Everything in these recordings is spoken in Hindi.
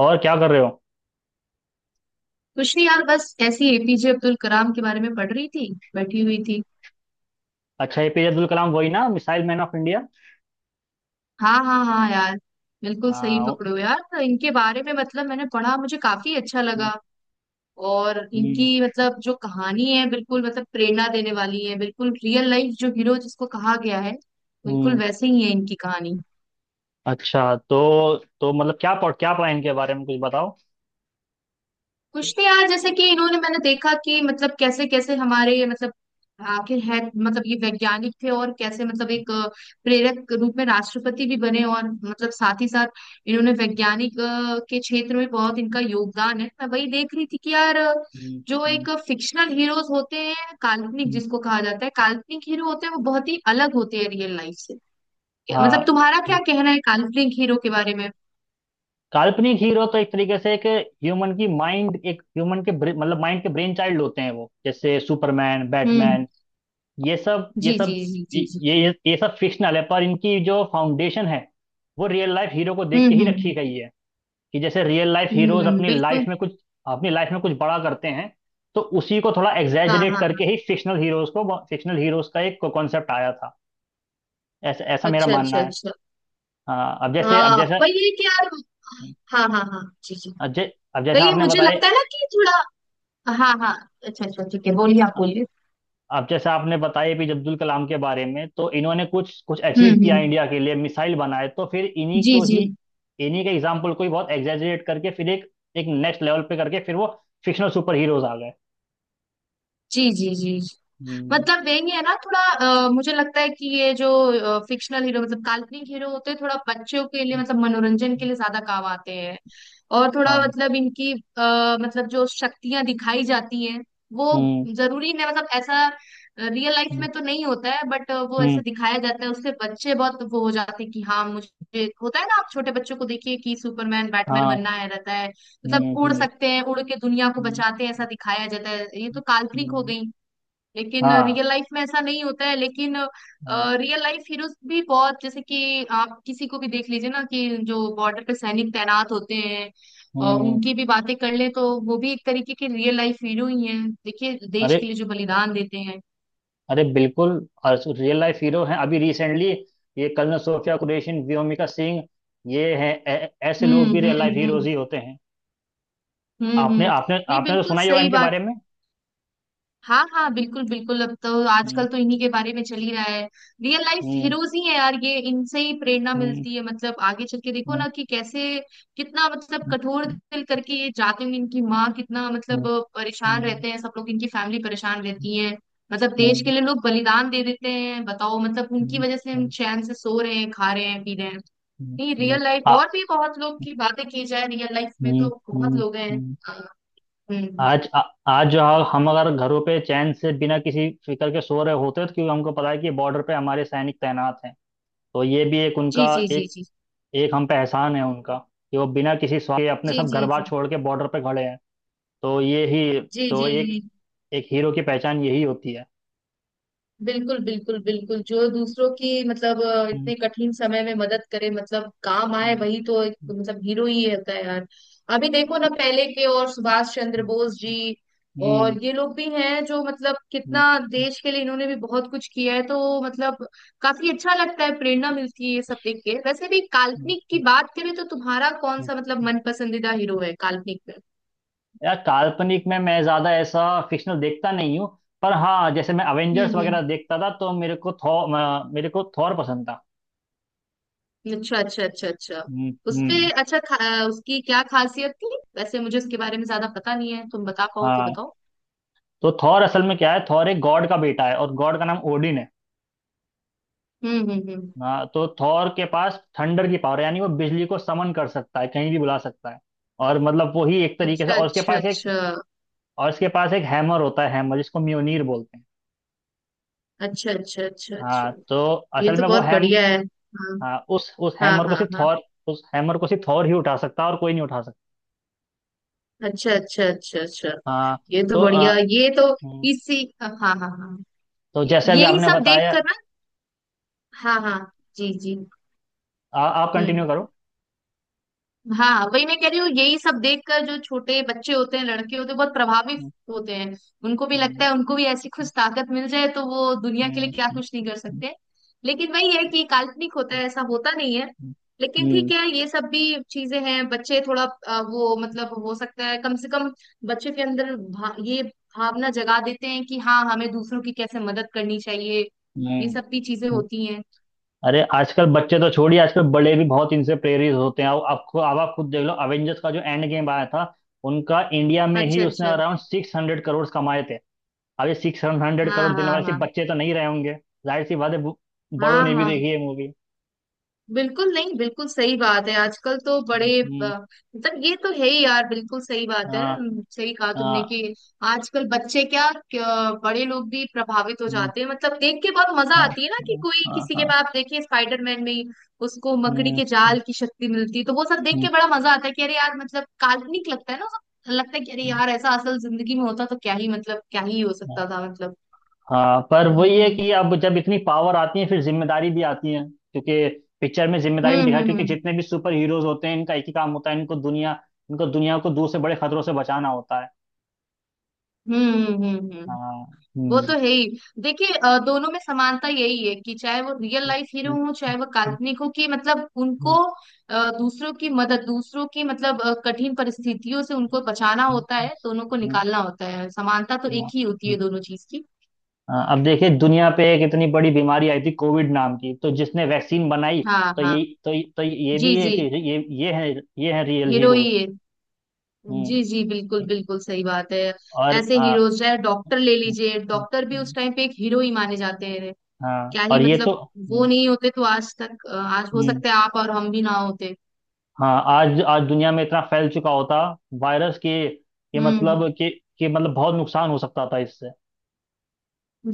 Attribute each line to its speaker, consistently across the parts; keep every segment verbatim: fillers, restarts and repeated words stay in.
Speaker 1: और क्या कर रहे हो?
Speaker 2: कुछ नहीं यार, बस ऐसी एपीजे अब्दुल कलाम के बारे में पढ़ रही थी, बैठी हुई थी।
Speaker 1: अच्छा, एपीजे अब्दुल कलाम, वही ना, मिसाइल मैन ऑफ इंडिया।
Speaker 2: हाँ हाँ हाँ यार, बिल्कुल सही
Speaker 1: हाँ।
Speaker 2: पकड़ो यार। तो इनके बारे में मतलब मैंने पढ़ा, मुझे काफी अच्छा लगा। और
Speaker 1: हम्म।
Speaker 2: इनकी मतलब जो कहानी है, बिल्कुल मतलब प्रेरणा देने वाली है, बिल्कुल रियल लाइफ जो हीरो जिसको कहा गया है, बिल्कुल
Speaker 1: हम्म,
Speaker 2: वैसे ही है इनकी कहानी।
Speaker 1: अच्छा। तो तो मतलब क्या पढ़ क्या पढ़ा इनके बारे में, कुछ बताओ।
Speaker 2: कुछ नहीं यार, जैसे कि इन्होंने मैंने देखा कि मतलब कैसे कैसे हमारे मतलब आखिर है मतलब ये वैज्ञानिक थे और कैसे मतलब एक अ, प्रेरक रूप में राष्ट्रपति भी बने और मतलब साथ ही साथ इन्होंने वैज्ञानिक अ, के क्षेत्र में बहुत इनका योगदान है। मैं वही देख रही थी कि यार अ,
Speaker 1: हम्म।
Speaker 2: जो
Speaker 1: हम्म,
Speaker 2: एक फिक्शनल हीरोज होते हैं, काल्पनिक
Speaker 1: हम्म,
Speaker 2: जिसको कहा जाता है, काल्पनिक हीरो होते हैं वो बहुत ही अलग होते हैं रियल लाइफ से। मतलब
Speaker 1: हाँ।
Speaker 2: तुम्हारा क्या कहना है काल्पनिक हीरो के बारे में?
Speaker 1: काल्पनिक हीरो तो एक तरीके से एक ह्यूमन की माइंड, एक ह्यूमन के ब्रे- मतलब माइंड के ब्रेन चाइल्ड होते हैं वो, जैसे सुपरमैन,
Speaker 2: हम्म।
Speaker 1: बैटमैन, ये सब ये
Speaker 2: जी जी
Speaker 1: सब
Speaker 2: जी
Speaker 1: ये
Speaker 2: जी जी।
Speaker 1: ये ये सब फिक्शनल है, पर इनकी जो फाउंडेशन है वो रियल लाइफ हीरो को देख के
Speaker 2: हम्म
Speaker 1: ही रखी
Speaker 2: हम्म
Speaker 1: गई है। कि जैसे रियल लाइफ
Speaker 2: हम्म।
Speaker 1: हीरोज
Speaker 2: हम्म,
Speaker 1: अपनी लाइफ
Speaker 2: बिल्कुल।
Speaker 1: में कुछ अपनी लाइफ में कुछ बड़ा करते हैं, तो उसी को थोड़ा
Speaker 2: हाँ
Speaker 1: एग्जैजरेट
Speaker 2: हाँ हाँ।
Speaker 1: करके ही फिक्शनल हीरोज को फिक्शनल हीरोज का एक कॉन्सेप्ट आया था। ऐसा ऐसा मेरा
Speaker 2: अच्छा
Speaker 1: मानना
Speaker 2: अच्छा
Speaker 1: है।
Speaker 2: अच्छा।
Speaker 1: हाँ। अब जैसे अब
Speaker 2: हाँ
Speaker 1: जैसे
Speaker 2: वही है कि यार, हाँ हाँ हाँ जी जी,
Speaker 1: अब जै, अब जैसे
Speaker 2: वही
Speaker 1: आपने
Speaker 2: मुझे
Speaker 1: बताया।
Speaker 2: लगता है ना कि थोड़ा। हाँ हाँ। अच्छा अच्छा, ठीक है, बोलिए आप बोलिए।
Speaker 1: अब जैसे आपने बताया भी अब्दुल कलाम के बारे में, तो इन्होंने कुछ कुछ
Speaker 2: हम्म
Speaker 1: अचीव किया
Speaker 2: हम्म।
Speaker 1: इंडिया के लिए, मिसाइल बनाए। तो फिर इन्हीं
Speaker 2: जी
Speaker 1: को
Speaker 2: जी
Speaker 1: ही इन्हीं के एग्जाम्पल को ही बहुत एग्जैजरेट करके फिर एक एक नेक्स्ट लेवल पे करके फिर वो फिक्शनल सुपर हीरोज आ गए।
Speaker 2: जी जी जी।
Speaker 1: हम्म,
Speaker 2: मतलब वही है ना थोड़ा। अ, मुझे लगता है कि ये जो फिक्शनल हीरो मतलब काल्पनिक हीरो होते हैं, थोड़ा बच्चों के लिए मतलब मनोरंजन के
Speaker 1: हम्म,
Speaker 2: लिए ज्यादा काम आते हैं। और थोड़ा
Speaker 1: हाँ।
Speaker 2: मतलब इनकी आ, मतलब जो शक्तियां दिखाई जाती हैं वो
Speaker 1: हम्म।
Speaker 2: जरूरी नहीं मतलब ऐसा रियल लाइफ
Speaker 1: हम्म।
Speaker 2: में तो नहीं होता है, बट वो
Speaker 1: हम्म।
Speaker 2: ऐसे दिखाया जाता है। उससे बच्चे बहुत वो हो जाते हैं कि हाँ मुझे होता है ना। आप छोटे बच्चों को देखिए कि सुपरमैन बैटमैन बनना
Speaker 1: हाँ।
Speaker 2: है रहता है, मतलब
Speaker 1: हम्म।
Speaker 2: उड़
Speaker 1: हम्म।
Speaker 2: सकते हैं, उड़ के दुनिया को
Speaker 1: हम्म।
Speaker 2: बचाते हैं, ऐसा दिखाया जाता है। ये तो काल्पनिक हो
Speaker 1: हम्म,
Speaker 2: गई। लेकिन
Speaker 1: हाँ।
Speaker 2: रियल लाइफ में ऐसा नहीं होता है, लेकिन
Speaker 1: हाँ,
Speaker 2: रियल लाइफ हीरोज भी बहुत, जैसे कि आप किसी को भी देख लीजिए ना कि जो बॉर्डर पे सैनिक तैनात होते हैं और
Speaker 1: हम्म।
Speaker 2: उनकी भी बातें कर ले तो वो भी एक तरीके के रियल लाइफ हीरो ही हैं। देखिए देश
Speaker 1: अरे,
Speaker 2: के लिए जो बलिदान देते हैं।
Speaker 1: अरे बिल्कुल। और रियल लाइफ हीरो हैं अभी रिसेंटली, ये कर्नल सोफिया कुरैशी, व्योमिका सिंह। ये हैं, ऐ- ऐसे
Speaker 2: हम्म
Speaker 1: लोग भी रियल
Speaker 2: हम्म
Speaker 1: लाइफ हीरोज
Speaker 2: हम्म।
Speaker 1: ही होते हैं।
Speaker 2: हम्म
Speaker 1: आपने
Speaker 2: हम्म।
Speaker 1: आपने
Speaker 2: नहीं
Speaker 1: आपने तो
Speaker 2: बिल्कुल
Speaker 1: सुना ही होगा
Speaker 2: सही
Speaker 1: इनके बारे
Speaker 2: बात।
Speaker 1: में।
Speaker 2: हाँ हाँ बिल्कुल बिल्कुल, अब तो
Speaker 1: हम्म।
Speaker 2: आजकल तो इन्हीं के बारे में चल ही रहा है। रियल लाइफ
Speaker 1: हम्म।
Speaker 2: हीरोज ही है यार, ये इनसे ही प्रेरणा
Speaker 1: हम्म।
Speaker 2: मिलती है मतलब। आगे चल के देखो
Speaker 1: हम्म।
Speaker 2: ना कि कैसे कितना मतलब कठोर दिल करके ये जाते हैं, इनकी माँ कितना मतलब
Speaker 1: हम्म।
Speaker 2: परेशान
Speaker 1: हम्म।
Speaker 2: रहते हैं, सब लोग इनकी फैमिली परेशान रहती है। मतलब
Speaker 1: हम्म।
Speaker 2: देश के
Speaker 1: हम्म।
Speaker 2: लिए लोग बलिदान दे देते हैं, बताओ। मतलब
Speaker 1: हम्म।
Speaker 2: उनकी वजह से
Speaker 1: हम्म।
Speaker 2: हम
Speaker 1: हम्म,
Speaker 2: चैन से सो रहे हैं, खा रहे हैं, पी रहे हैं।
Speaker 1: हम्म,
Speaker 2: नहीं
Speaker 1: हम्म,
Speaker 2: रियल लाइफ
Speaker 1: आ-,
Speaker 2: और भी बहुत लोग की बातें की जाए, रियल लाइफ में तो
Speaker 1: हम्म।
Speaker 2: बहुत लोग हैं।
Speaker 1: हम्म,
Speaker 2: अ, हम्म।
Speaker 1: आज आ, आज जो, हम हम अगर घरों पे चैन से बिना किसी फिक्र के सो रहे होते, तो क्योंकि हमको पता है कि बॉर्डर पे हमारे सैनिक तैनात हैं। तो ये भी एक
Speaker 2: जी
Speaker 1: उनका
Speaker 2: जी जी
Speaker 1: एक
Speaker 2: जी
Speaker 1: एक हम पे एहसान है उनका, कि वो बिना किसी स्वार्थ के अपने
Speaker 2: जी।
Speaker 1: सब घर
Speaker 2: जी
Speaker 1: बार
Speaker 2: जी
Speaker 1: छोड़ के बॉर्डर पे खड़े हैं। तो ये ही,
Speaker 2: जी जी
Speaker 1: तो एक
Speaker 2: जी,
Speaker 1: एक हीरो की पहचान यही होती है।
Speaker 2: बिल्कुल बिल्कुल बिल्कुल। जो दूसरों की मतलब अ,
Speaker 1: हम्म।
Speaker 2: इतने कठिन समय में मदद करे, मतलब काम
Speaker 1: हम्म।
Speaker 2: आए, वही तो एक,
Speaker 1: हम्म।
Speaker 2: मतलब हीरो ही होता है यार। अभी देखो ना पहले के और सुभाष चंद्र बोस जी
Speaker 1: हम्म।
Speaker 2: और ये लोग भी हैं जो मतलब
Speaker 1: हम्म। हम्म,
Speaker 2: कितना
Speaker 1: हम्म,
Speaker 2: देश के लिए इन्होंने भी बहुत कुछ किया है, तो मतलब काफी अच्छा लगता है, प्रेरणा मिलती है ये सब देख के। वैसे भी
Speaker 1: हम्म, हम्म,
Speaker 2: काल्पनिक की बात करें तो तुम्हारा कौन
Speaker 1: हम्म,
Speaker 2: सा मतलब
Speaker 1: हम्म,
Speaker 2: मन पसंदीदा हीरो है काल्पनिक में?
Speaker 1: यार काल्पनिक में मैं ज्यादा ऐसा फिक्शनल देखता नहीं हूँ। पर हाँ, जैसे मैं
Speaker 2: हम्म
Speaker 1: अवेंजर्स
Speaker 2: हम्म।
Speaker 1: वगैरह देखता था, तो मेरे को थॉर मेरे को थॉर पसंद था।
Speaker 2: अच्छा अच्छा अच्छा अच्छा।
Speaker 1: हम्म।
Speaker 2: उसपे
Speaker 1: हम्म,
Speaker 2: अच्छा खा, उसकी क्या खासियत थी? वैसे मुझे उसके बारे में ज्यादा पता नहीं है, तुम बता पाओ तो
Speaker 1: हाँ।
Speaker 2: बताओ।
Speaker 1: तो थॉर असल में क्या है, थॉर एक गॉड का बेटा है और गॉड का नाम ओडिन है।
Speaker 2: हम्म हम्म हम्म।
Speaker 1: हाँ, तो थॉर के पास थंडर की पावर, यानी वो बिजली को समन कर सकता है, कहीं भी बुला सकता है। और मतलब वो ही एक तरीके से,
Speaker 2: अच्छा
Speaker 1: और उसके
Speaker 2: अच्छा
Speaker 1: पास एक
Speaker 2: अच्छा
Speaker 1: और उसके पास एक हैमर होता है। हैमर जिसको म्योनीर बोलते हैं।
Speaker 2: अच्छा। अच्छा अच्छा अच्छा।
Speaker 1: हाँ, तो
Speaker 2: ये
Speaker 1: असल
Speaker 2: तो
Speaker 1: में वो
Speaker 2: बहुत
Speaker 1: हैम,
Speaker 2: बढ़िया है। हाँ
Speaker 1: हाँ उस उस
Speaker 2: हाँ
Speaker 1: हैमर को
Speaker 2: हाँ
Speaker 1: सिर्फ
Speaker 2: हाँ।
Speaker 1: थॉर, उस हैमर को सिर्फ थॉर ही उठा सकता है, और कोई नहीं उठा।
Speaker 2: अच्छा अच्छा अच्छा अच्छा।
Speaker 1: हाँ।
Speaker 2: ये तो
Speaker 1: तो आ,,
Speaker 2: बढ़िया, ये तो
Speaker 1: हम्म,
Speaker 2: इसी, हाँ हाँ हाँ हाँ।
Speaker 1: तो
Speaker 2: ये-
Speaker 1: जैसे अभी
Speaker 2: यही
Speaker 1: आपने
Speaker 2: सब देख
Speaker 1: बताया,
Speaker 2: कर ना। हाँ हाँ। जी जी।
Speaker 1: आ, आप कंटिन्यू
Speaker 2: हम्म।
Speaker 1: करो।
Speaker 2: हाँ वही मैं कह रही हूँ, यही सब देखकर जो छोटे बच्चे होते हैं, लड़के होते हैं, बहुत प्रभावित
Speaker 1: हम्म।
Speaker 2: होते हैं। उनको भी लगता है उनको भी ऐसी कुछ ताकत मिल जाए तो वो दुनिया के
Speaker 1: हम्म।
Speaker 2: लिए क्या
Speaker 1: हम्म।
Speaker 2: कुछ नहीं कर
Speaker 1: हम्म,
Speaker 2: सकते। लेकिन वही है कि काल्पनिक होता है, ऐसा होता नहीं है। लेकिन
Speaker 1: हम्म,
Speaker 2: ठीक है ये सब भी चीजें हैं, बच्चे थोड़ा अ, वो मतलब हो सकता है कम से कम बच्चे के अंदर भा, ये भावना जगा देते हैं कि हाँ हमें दूसरों की कैसे मदद करनी चाहिए, ये
Speaker 1: हम्म,
Speaker 2: सब भी चीजें
Speaker 1: हम्म।
Speaker 2: होती हैं।
Speaker 1: अरे, आजकल बच्चे तो छोड़िए, आजकल बड़े भी बहुत इनसे प्रेरित होते हैं। आप आपको अब आप खुद देख लो, अवेंजर्स का जो एंड गेम आया था, उनका इंडिया में ही
Speaker 2: अच्छा
Speaker 1: उसने
Speaker 2: अच्छा।
Speaker 1: अराउंड सिक्स हंड्रेड करोड़ कमाए थे। अब ये सिक्स हंड्रेड
Speaker 2: हाँ
Speaker 1: करोड़ देने
Speaker 2: हाँ
Speaker 1: वाले सिर्फ
Speaker 2: हाँ
Speaker 1: बच्चे तो नहीं रहे होंगे। जाहिर सी बात है, बु- बड़ों
Speaker 2: हाँ
Speaker 1: ने भी
Speaker 2: हाँ।
Speaker 1: देखी है मूवी।
Speaker 2: बिल्कुल नहीं, बिल्कुल सही बात है। आजकल तो बड़े अ,
Speaker 1: हम्म।
Speaker 2: मतलब ये तो है ही यार, बिल्कुल सही बात है।
Speaker 1: हाँ,
Speaker 2: हम्म, सही कहा तुमने
Speaker 1: हाँ।
Speaker 2: कि आजकल बच्चे क्या, क्या बड़े लोग भी प्रभावित हो
Speaker 1: हम्म,
Speaker 2: जाते हैं, मतलब देख के बहुत मजा
Speaker 1: हाँ,
Speaker 2: आती है ना कि
Speaker 1: हाँ,
Speaker 2: कोई
Speaker 1: हाँ,
Speaker 2: किसी के
Speaker 1: हाँ,
Speaker 2: बाद। आप देखिए स्पाइडरमैन में ही उसको मकड़ी
Speaker 1: हम्म,
Speaker 2: के जाल की शक्ति मिलती है तो वो सब देख
Speaker 1: हम्म,
Speaker 2: के बड़ा मजा आता है कि अरे यार मतलब काल्पनिक लगता है ना वो सब। लगता है कि अरे यार ऐसा असल जिंदगी में होता तो क्या ही मतलब क्या ही हो सकता था मतलब।
Speaker 1: हाँ पर वही है
Speaker 2: हम्म
Speaker 1: कि अब जब इतनी पावर आती है, फिर जिम्मेदारी भी आती है। क्योंकि पिक्चर में जिम्मेदारी
Speaker 2: हम्म
Speaker 1: भी दिखाई है,
Speaker 2: हम्म
Speaker 1: क्योंकि
Speaker 2: हम्म
Speaker 1: जितने भी सुपर हीरोज होते हैं, इनका एक ही काम होता है, इनको दुनिया इनको दुनिया को दूर से बड़े खतरों से बचाना होता है।
Speaker 2: हम्म हम्म हम्म हम्म।
Speaker 1: हाँ।
Speaker 2: वो तो
Speaker 1: हम्म।
Speaker 2: है ही। देखिए अ, दोनों में समानता यही है कि चाहे वो रियल लाइफ हीरो हो चाहे वो काल्पनिक हो, कि मतलब उनको अ, दूसरों की मदद, दूसरों की मतलब अ, कठिन परिस्थितियों से उनको बचाना होता है, दोनों को निकालना होता है, समानता तो एक
Speaker 1: हाँ,
Speaker 2: ही होती है दोनों चीज की।
Speaker 1: अब देखिए, दुनिया पे एक इतनी बड़ी बीमारी आई थी, कोविड नाम की, तो जिसने वैक्सीन बनाई,
Speaker 2: हाँ
Speaker 1: तो
Speaker 2: हाँ।
Speaker 1: ये तो तो ये
Speaker 2: जी
Speaker 1: भी है
Speaker 2: जी।
Speaker 1: कि ये ये है, ये है रियल
Speaker 2: हीरो ही
Speaker 1: हीरोज।
Speaker 2: है।
Speaker 1: हम्म।
Speaker 2: जी जी बिल्कुल बिल्कुल सही बात है।
Speaker 1: और
Speaker 2: ऐसे
Speaker 1: आ,,
Speaker 2: हीरोज, चाहे डॉक्टर ले लीजिए, डॉक्टर भी उस टाइम पे एक हीरो ही माने जाते हैं।
Speaker 1: हाँ
Speaker 2: क्या ही
Speaker 1: और ये तो,
Speaker 2: मतलब वो
Speaker 1: हम्म।
Speaker 2: नहीं होते तो आज तक अ, आज हो
Speaker 1: हम्म,
Speaker 2: सकता है आप और हम भी ना होते।
Speaker 1: हाँ। आज, आज दुनिया में इतना फैल चुका होता, वायरस के, के
Speaker 2: हम्म हम्म, हम्म।
Speaker 1: मतलब के के मतलब बहुत नुकसान हो सकता था इससे।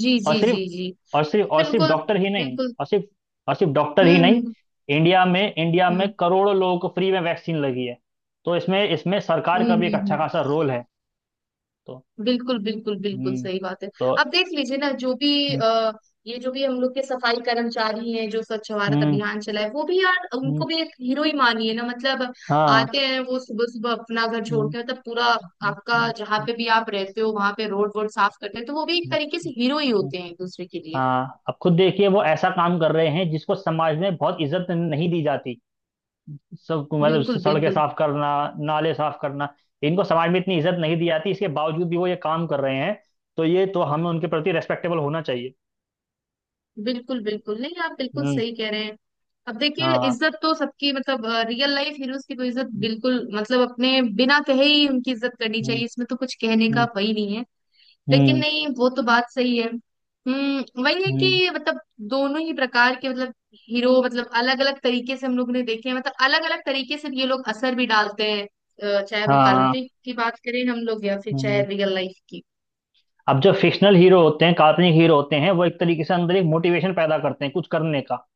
Speaker 2: जी
Speaker 1: और
Speaker 2: जी
Speaker 1: सिर्फ,
Speaker 2: जी जी।
Speaker 1: और सिर्फ और सिर्फ
Speaker 2: बिल्कुल
Speaker 1: डॉक्टर ही नहीं,
Speaker 2: बिल्कुल।
Speaker 1: और सिर्फ, और सिर्फ डॉक्टर
Speaker 2: हम्म
Speaker 1: ही नहीं।
Speaker 2: हम्म
Speaker 1: इंडिया में इंडिया में
Speaker 2: हम्म
Speaker 1: करोड़ों लोगों को फ्री में वैक्सीन लगी है। तो इसमें इसमें सरकार
Speaker 2: हम्म
Speaker 1: का
Speaker 2: हम्म,
Speaker 1: भी एक
Speaker 2: हम्म,
Speaker 1: अच्छा खासा
Speaker 2: हम्म।
Speaker 1: रोल है। तो,
Speaker 2: बिल्कुल बिल्कुल बिल्कुल
Speaker 1: हम्म,
Speaker 2: सही बात है।
Speaker 1: तो,
Speaker 2: आप देख लीजिए ना जो भी
Speaker 1: हम्म।
Speaker 2: आ, ये जो भी हम लोग के सफाई कर्मचारी हैं जो स्वच्छ भारत
Speaker 1: हम्म।
Speaker 2: अभियान चलाए, वो भी यार
Speaker 1: हम्म,
Speaker 2: उनको भी एक हीरो ही मानिए ना मतलब।
Speaker 1: हाँ।
Speaker 2: आते हैं वो सुबह सुबह अपना घर छोड़
Speaker 1: हम्म,
Speaker 2: के मतलब पूरा
Speaker 1: हम्म,
Speaker 2: आपका
Speaker 1: हम्म,
Speaker 2: जहाँ पे भी आप रहते हो वहां पे रोड वोड साफ करते हैं, तो वो भी एक
Speaker 1: हम्म,
Speaker 2: तरीके से हीरो ही
Speaker 1: हम्म,
Speaker 2: होते हैं एक दूसरे के लिए।
Speaker 1: हाँ, अब खुद देखिए वो ऐसा काम कर रहे हैं जिसको समाज में बहुत इज्जत नहीं दी जाती। सब मतलब
Speaker 2: बिल्कुल
Speaker 1: सड़कें
Speaker 2: बिल्कुल।
Speaker 1: साफ करना, नाले साफ करना, इनको समाज में इतनी इज्जत नहीं दी जाती। इसके बावजूद भी वो ये काम कर रहे हैं। तो ये तो हमें उनके प्रति रेस्पेक्टेबल होना चाहिए।
Speaker 2: बिल्कुल बिल्कुल नहीं, आप बिल्कुल
Speaker 1: हम्म।
Speaker 2: सही कह रहे हैं। अब देखिए
Speaker 1: हाँ।
Speaker 2: इज्जत तो सबकी, मतलब रियल लाइफ हीरोज की तो इज्जत बिल्कुल, मतलब अपने बिना कहे ही उनकी इज्जत करनी
Speaker 1: हम्म।
Speaker 2: चाहिए, इसमें तो कुछ कहने का
Speaker 1: हम्म।
Speaker 2: वही नहीं है। लेकिन
Speaker 1: हम्म।
Speaker 2: नहीं, वो तो बात सही है। हम्म वही है
Speaker 1: हम्म,
Speaker 2: कि मतलब दोनों ही प्रकार के मतलब हीरो मतलब अलग अलग तरीके से हम लोग ने देखे हैं, मतलब अलग अलग तरीके से ये लोग असर भी डालते हैं। अ, चाहे वो
Speaker 1: हाँ,
Speaker 2: काल्पनिक की बात करें हम लोग या फिर चाहे
Speaker 1: हम्म।
Speaker 2: रियल लाइफ की।
Speaker 1: अब जो फिक्शनल हीरो होते हैं, काल्पनिक हीरो होते हैं, वो एक तरीके से अंदर एक मोटिवेशन पैदा करते हैं कुछ करने का।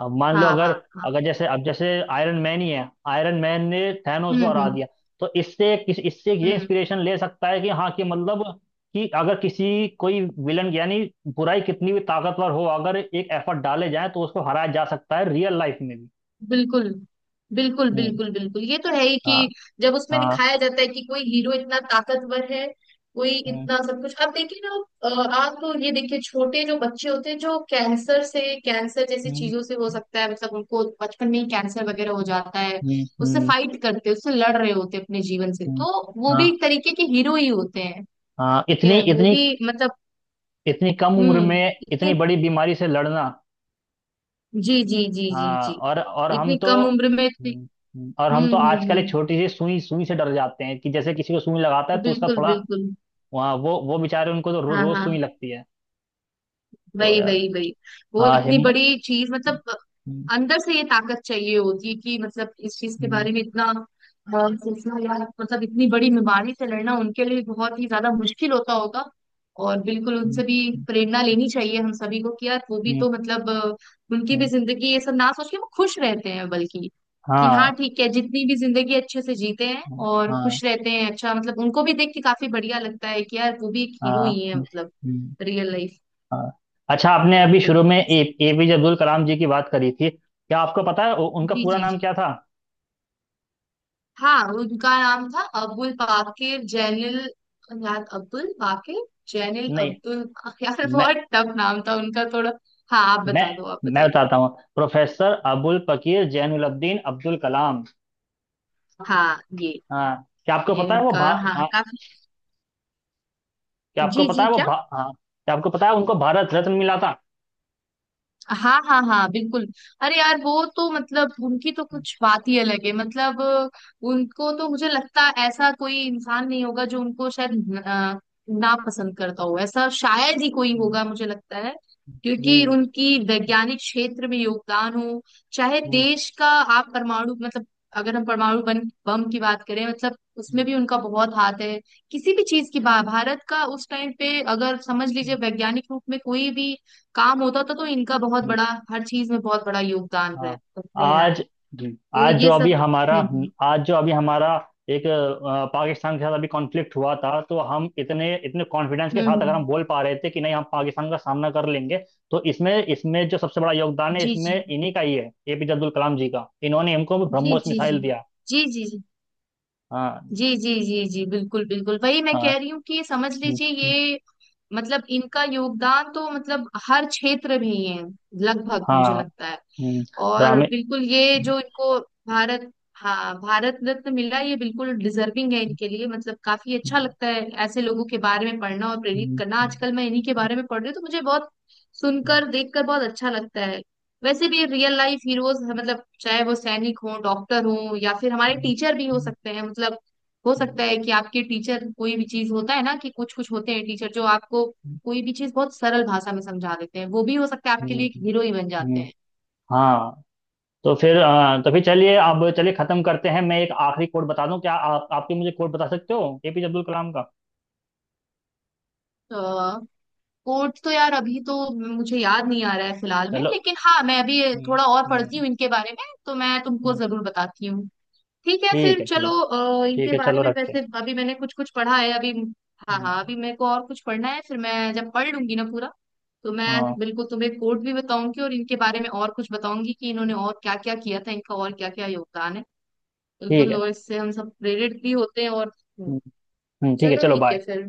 Speaker 1: अब मान लो
Speaker 2: हाँ
Speaker 1: अगर,
Speaker 2: हाँ हाँ।
Speaker 1: अगर जैसे, अब जैसे आयरन मैन ही है आयरन मैन ने थैनोस
Speaker 2: हम्म
Speaker 1: को हरा
Speaker 2: हम्म
Speaker 1: दिया, तो इससे किस, इससे ये
Speaker 2: हम्म।
Speaker 1: इंस्पिरेशन ले सकता है, कि हाँ, कि मतलब, कि अगर किसी, कोई विलन यानी बुराई कितनी भी ताकतवर हो, अगर एक एफर्ट डाले जाए, तो उसको हराया जा सकता है रियल लाइफ में भी।
Speaker 2: बिल्कुल बिल्कुल
Speaker 1: हम्म।
Speaker 2: बिल्कुल बिल्कुल, ये तो है ही कि
Speaker 1: हाँ।
Speaker 2: जब उसमें
Speaker 1: हाँ।
Speaker 2: दिखाया जाता है कि कोई हीरो इतना ताकतवर है, कोई
Speaker 1: हम्म।
Speaker 2: इतना सब कुछ। अब देखिए ना अ, आप तो ये देखिए छोटे जो बच्चे होते हैं जो कैंसर से, कैंसर जैसी
Speaker 1: हम्म।
Speaker 2: चीजों से, हो सकता है मतलब उनको बचपन में ही कैंसर वगैरह हो जाता है,
Speaker 1: हम्म।
Speaker 2: उससे
Speaker 1: हम्म।
Speaker 2: फाइट करते हैं, उससे लड़ रहे होते हैं अपने जीवन से,
Speaker 1: हम्म,
Speaker 2: तो वो
Speaker 1: हाँ।
Speaker 2: भी एक तरीके के हीरो ही होते हैं।
Speaker 1: हाँ, इतनी,
Speaker 2: कि वो
Speaker 1: इतनी,
Speaker 2: भी मतलब,
Speaker 1: इतनी कम उम्र
Speaker 2: हम्म,
Speaker 1: में इतनी
Speaker 2: इतनी-,
Speaker 1: बड़ी बीमारी से लड़ना।
Speaker 2: जी जी जी जी
Speaker 1: हाँ,
Speaker 2: जी,
Speaker 1: और और हम
Speaker 2: इतनी
Speaker 1: तो
Speaker 2: कम उम्र में इतनी।
Speaker 1: और हम
Speaker 2: हम्म
Speaker 1: तो
Speaker 2: हम्म
Speaker 1: आजकल एक
Speaker 2: हम्म।
Speaker 1: छोटी सी सुई, सुई से डर जाते हैं, कि जैसे किसी को सुई लगाता है तो उसका
Speaker 2: बिल्कुल
Speaker 1: थोड़ा,
Speaker 2: बिल्कुल।
Speaker 1: वहाँ वो वो बेचारे उनको तो रो,
Speaker 2: हाँ
Speaker 1: रोज सुई
Speaker 2: हाँ।
Speaker 1: लगती है। तो
Speaker 2: वही
Speaker 1: यार,
Speaker 2: वही वही। वो
Speaker 1: हाँ
Speaker 2: इतनी
Speaker 1: हिम,
Speaker 2: बड़ी चीज मतलब अंदर से ये ताकत चाहिए होती है कि मतलब इस चीज के बारे में इतना अ, सोचना या मतलब इतनी बड़ी बीमारी से लड़ना उनके लिए बहुत ही ज्यादा मुश्किल होता होगा। और बिल्कुल उनसे भी प्रेरणा लेनी चाहिए हम सभी को कि यार वो भी तो मतलब अ, उनकी भी जिंदगी ये सब ना सोच के वो खुश रहते हैं, बल्कि कि हाँ
Speaker 1: हाँ,
Speaker 2: ठीक है, जितनी भी जिंदगी अच्छे से जीते हैं और
Speaker 1: हाँ,
Speaker 2: खुश रहते हैं, अच्छा मतलब उनको भी देख के काफी बढ़िया लगता है कि यार वो भी एक हीरो
Speaker 1: हाँ,
Speaker 2: ही है
Speaker 1: हम्म,
Speaker 2: मतलब
Speaker 1: हम्म,
Speaker 2: रियल लाइफ।
Speaker 1: हाँ। अच्छा, आपने
Speaker 2: हाँ,
Speaker 1: अभी
Speaker 2: बिल्कुल
Speaker 1: शुरू में
Speaker 2: बिल्कुल
Speaker 1: ए,
Speaker 2: सही।
Speaker 1: एपीजे अब्दुल कलाम जी की बात करी थी। क्या आपको पता है उ- उनका
Speaker 2: जी
Speaker 1: पूरा
Speaker 2: जी
Speaker 1: नाम
Speaker 2: जी।
Speaker 1: क्या था?
Speaker 2: हाँ उनका नाम था अबुल बाकिर जैनिल, यार अब्दुल बाकिर जैनिल
Speaker 1: नहीं,
Speaker 2: अब्दुल, यार बहुत टफ नाम था उनका थोड़ा। हाँ आप
Speaker 1: मैं
Speaker 2: बता दो, आप
Speaker 1: मैं
Speaker 2: बता दो।
Speaker 1: बताता हूँ, प्रोफेसर अबुल फकीर जैनुलब्दीन अब्दुल कलाम।
Speaker 2: हाँ ये
Speaker 1: हाँ, क्या आपको
Speaker 2: ये
Speaker 1: पता है वो
Speaker 2: उनका,
Speaker 1: भा,
Speaker 2: हाँ
Speaker 1: हाँ
Speaker 2: काफी।
Speaker 1: क्या आपको
Speaker 2: जी
Speaker 1: पता
Speaker 2: जी
Speaker 1: है वो
Speaker 2: क्या?
Speaker 1: भा हाँ क्या आपको पता है उनको भारत रत्न मिला था?
Speaker 2: हाँ हाँ हाँ बिल्कुल। अरे यार वो तो मतलब उनकी तो कुछ बात ही अलग है मतलब। उनको तो मुझे लगता है ऐसा कोई इंसान नहीं होगा जो उनको शायद न- अ, ना पसंद करता हो, ऐसा शायद ही कोई
Speaker 1: हम्म।
Speaker 2: होगा मुझे लगता है। क्योंकि उनकी वैज्ञानिक क्षेत्र में योगदान हो, चाहे
Speaker 1: हम्म,
Speaker 2: देश का, आप परमाणु मतलब, अगर हम परमाणु बम बम की बात करें मतलब उसमें
Speaker 1: हम्म,
Speaker 2: भी उनका बहुत हाथ है। किसी भी चीज की भा- भारत का उस टाइम पे अगर समझ लीजिए वैज्ञानिक रूप में कोई भी काम होता था तो इनका बहुत
Speaker 1: हम्म,
Speaker 2: बड़ा, हर चीज में बहुत बड़ा योगदान
Speaker 1: हाँ।
Speaker 2: रहता है यार।
Speaker 1: आज, जी,
Speaker 2: तो
Speaker 1: आज जो
Speaker 2: ये
Speaker 1: अभी
Speaker 2: सब।
Speaker 1: हमारा
Speaker 2: हम्म
Speaker 1: आज जो अभी हमारा एक अ, पाकिस्तान के साथ अभी कॉन्फ्लिक्ट हुआ था, तो हम इतने इतने कॉन्फिडेंस के
Speaker 2: हम्म
Speaker 1: साथ
Speaker 2: हम्म,
Speaker 1: अगर हम
Speaker 2: हम्म।
Speaker 1: बोल पा रहे थे कि नहीं, हम पाकिस्तान का सामना कर लेंगे, तो इसमें इसमें जो सबसे बड़ा योगदान है,
Speaker 2: जी
Speaker 1: इसमें
Speaker 2: जी
Speaker 1: इन्हीं का ही है, एपीजे अब्दुल कलाम जी का। इन्होंने हमको
Speaker 2: जी
Speaker 1: ब्रह्मोस
Speaker 2: जी जी
Speaker 1: मिसाइल दिया।
Speaker 2: जी जी जी
Speaker 1: हाँ।
Speaker 2: जी जी जी जी, बिल्कुल बिल्कुल वही मैं
Speaker 1: हाँ,
Speaker 2: कह रही हूँ कि ये समझ
Speaker 1: हम्म,
Speaker 2: लीजिए
Speaker 1: हम्म,
Speaker 2: ये मतलब इनका योगदान तो मतलब हर क्षेत्र में ही है लगभग, मुझे
Speaker 1: हाँ,
Speaker 2: लगता है।
Speaker 1: हम्म,
Speaker 2: और
Speaker 1: रामे,
Speaker 2: बिल्कुल ये
Speaker 1: हम्म,
Speaker 2: जो इनको भारत, हाँ भारत रत्न मिला, ये बिल्कुल डिजर्विंग है इनके लिए, मतलब काफी अच्छा लगता है ऐसे लोगों के बारे में पढ़ना और प्रेरित
Speaker 1: हम्म,
Speaker 2: करना।
Speaker 1: हम्म,
Speaker 2: आजकल मैं इन्हीं के बारे में पढ़ रही हूँ तो मुझे बहुत सुनकर देखकर बहुत अच्छा लगता है। वैसे भी रियल लाइफ हीरोज मतलब चाहे वो सैनिक हो, डॉक्टर हो, या फिर हमारे
Speaker 1: हम्म,
Speaker 2: टीचर भी हो सकते हैं मतलब। हो सकता
Speaker 1: हम्म,
Speaker 2: है कि आपके टीचर कोई भी चीज होता है ना कि कुछ कुछ होते हैं टीचर जो आपको कोई भी चीज बहुत सरल भाषा में समझा देते हैं, वो भी हो सकता है आपके
Speaker 1: हम्म,
Speaker 2: लिए एक हीरो ही बन
Speaker 1: हम्म,
Speaker 2: जाते हैं।
Speaker 1: हाँ। तो फिर अ,, तो फिर चलिए, अब चलिए खत्म करते हैं। मैं एक आखिरी कोट बता दूं। क्या आप, आपके, मुझे कोट बता सकते हो एपीजे अब्दुल कलाम का?
Speaker 2: तो कोर्ट तो यार अभी तो मुझे याद नहीं आ रहा है फिलहाल में,
Speaker 1: चलो,
Speaker 2: लेकिन हाँ मैं अभी
Speaker 1: हम्म,
Speaker 2: थोड़ा और पढ़ती
Speaker 1: हम्म,
Speaker 2: हूँ इनके बारे में तो मैं तुमको
Speaker 1: हम्म,
Speaker 2: जरूर बताती हूँ। ठीक है
Speaker 1: ठीक
Speaker 2: फिर
Speaker 1: है।
Speaker 2: चलो।
Speaker 1: ठीक,
Speaker 2: अ, इनके
Speaker 1: ठीक है
Speaker 2: बारे
Speaker 1: चलो,
Speaker 2: में
Speaker 1: रखते हैं।
Speaker 2: वैसे अभी मैंने कुछ कुछ पढ़ा है अभी। हाँ
Speaker 1: हम्म,
Speaker 2: हाँ अभी मेरे को और कुछ पढ़ना है, फिर मैं जब पढ़ लूंगी ना पूरा तो मैं
Speaker 1: हाँ,
Speaker 2: बिल्कुल तुम्हें कोर्ट भी बताऊंगी और इनके बारे में और कुछ बताऊंगी कि इन्होंने और क्या क्या किया था, इनका और क्या क्या योगदान है।
Speaker 1: ठीक
Speaker 2: बिल्कुल
Speaker 1: है।
Speaker 2: और इससे हम सब प्रेरित भी होते हैं और
Speaker 1: हम्म, हम्म, ठीक है
Speaker 2: चलो
Speaker 1: चलो,
Speaker 2: ठीक है
Speaker 1: बाय।
Speaker 2: फिर।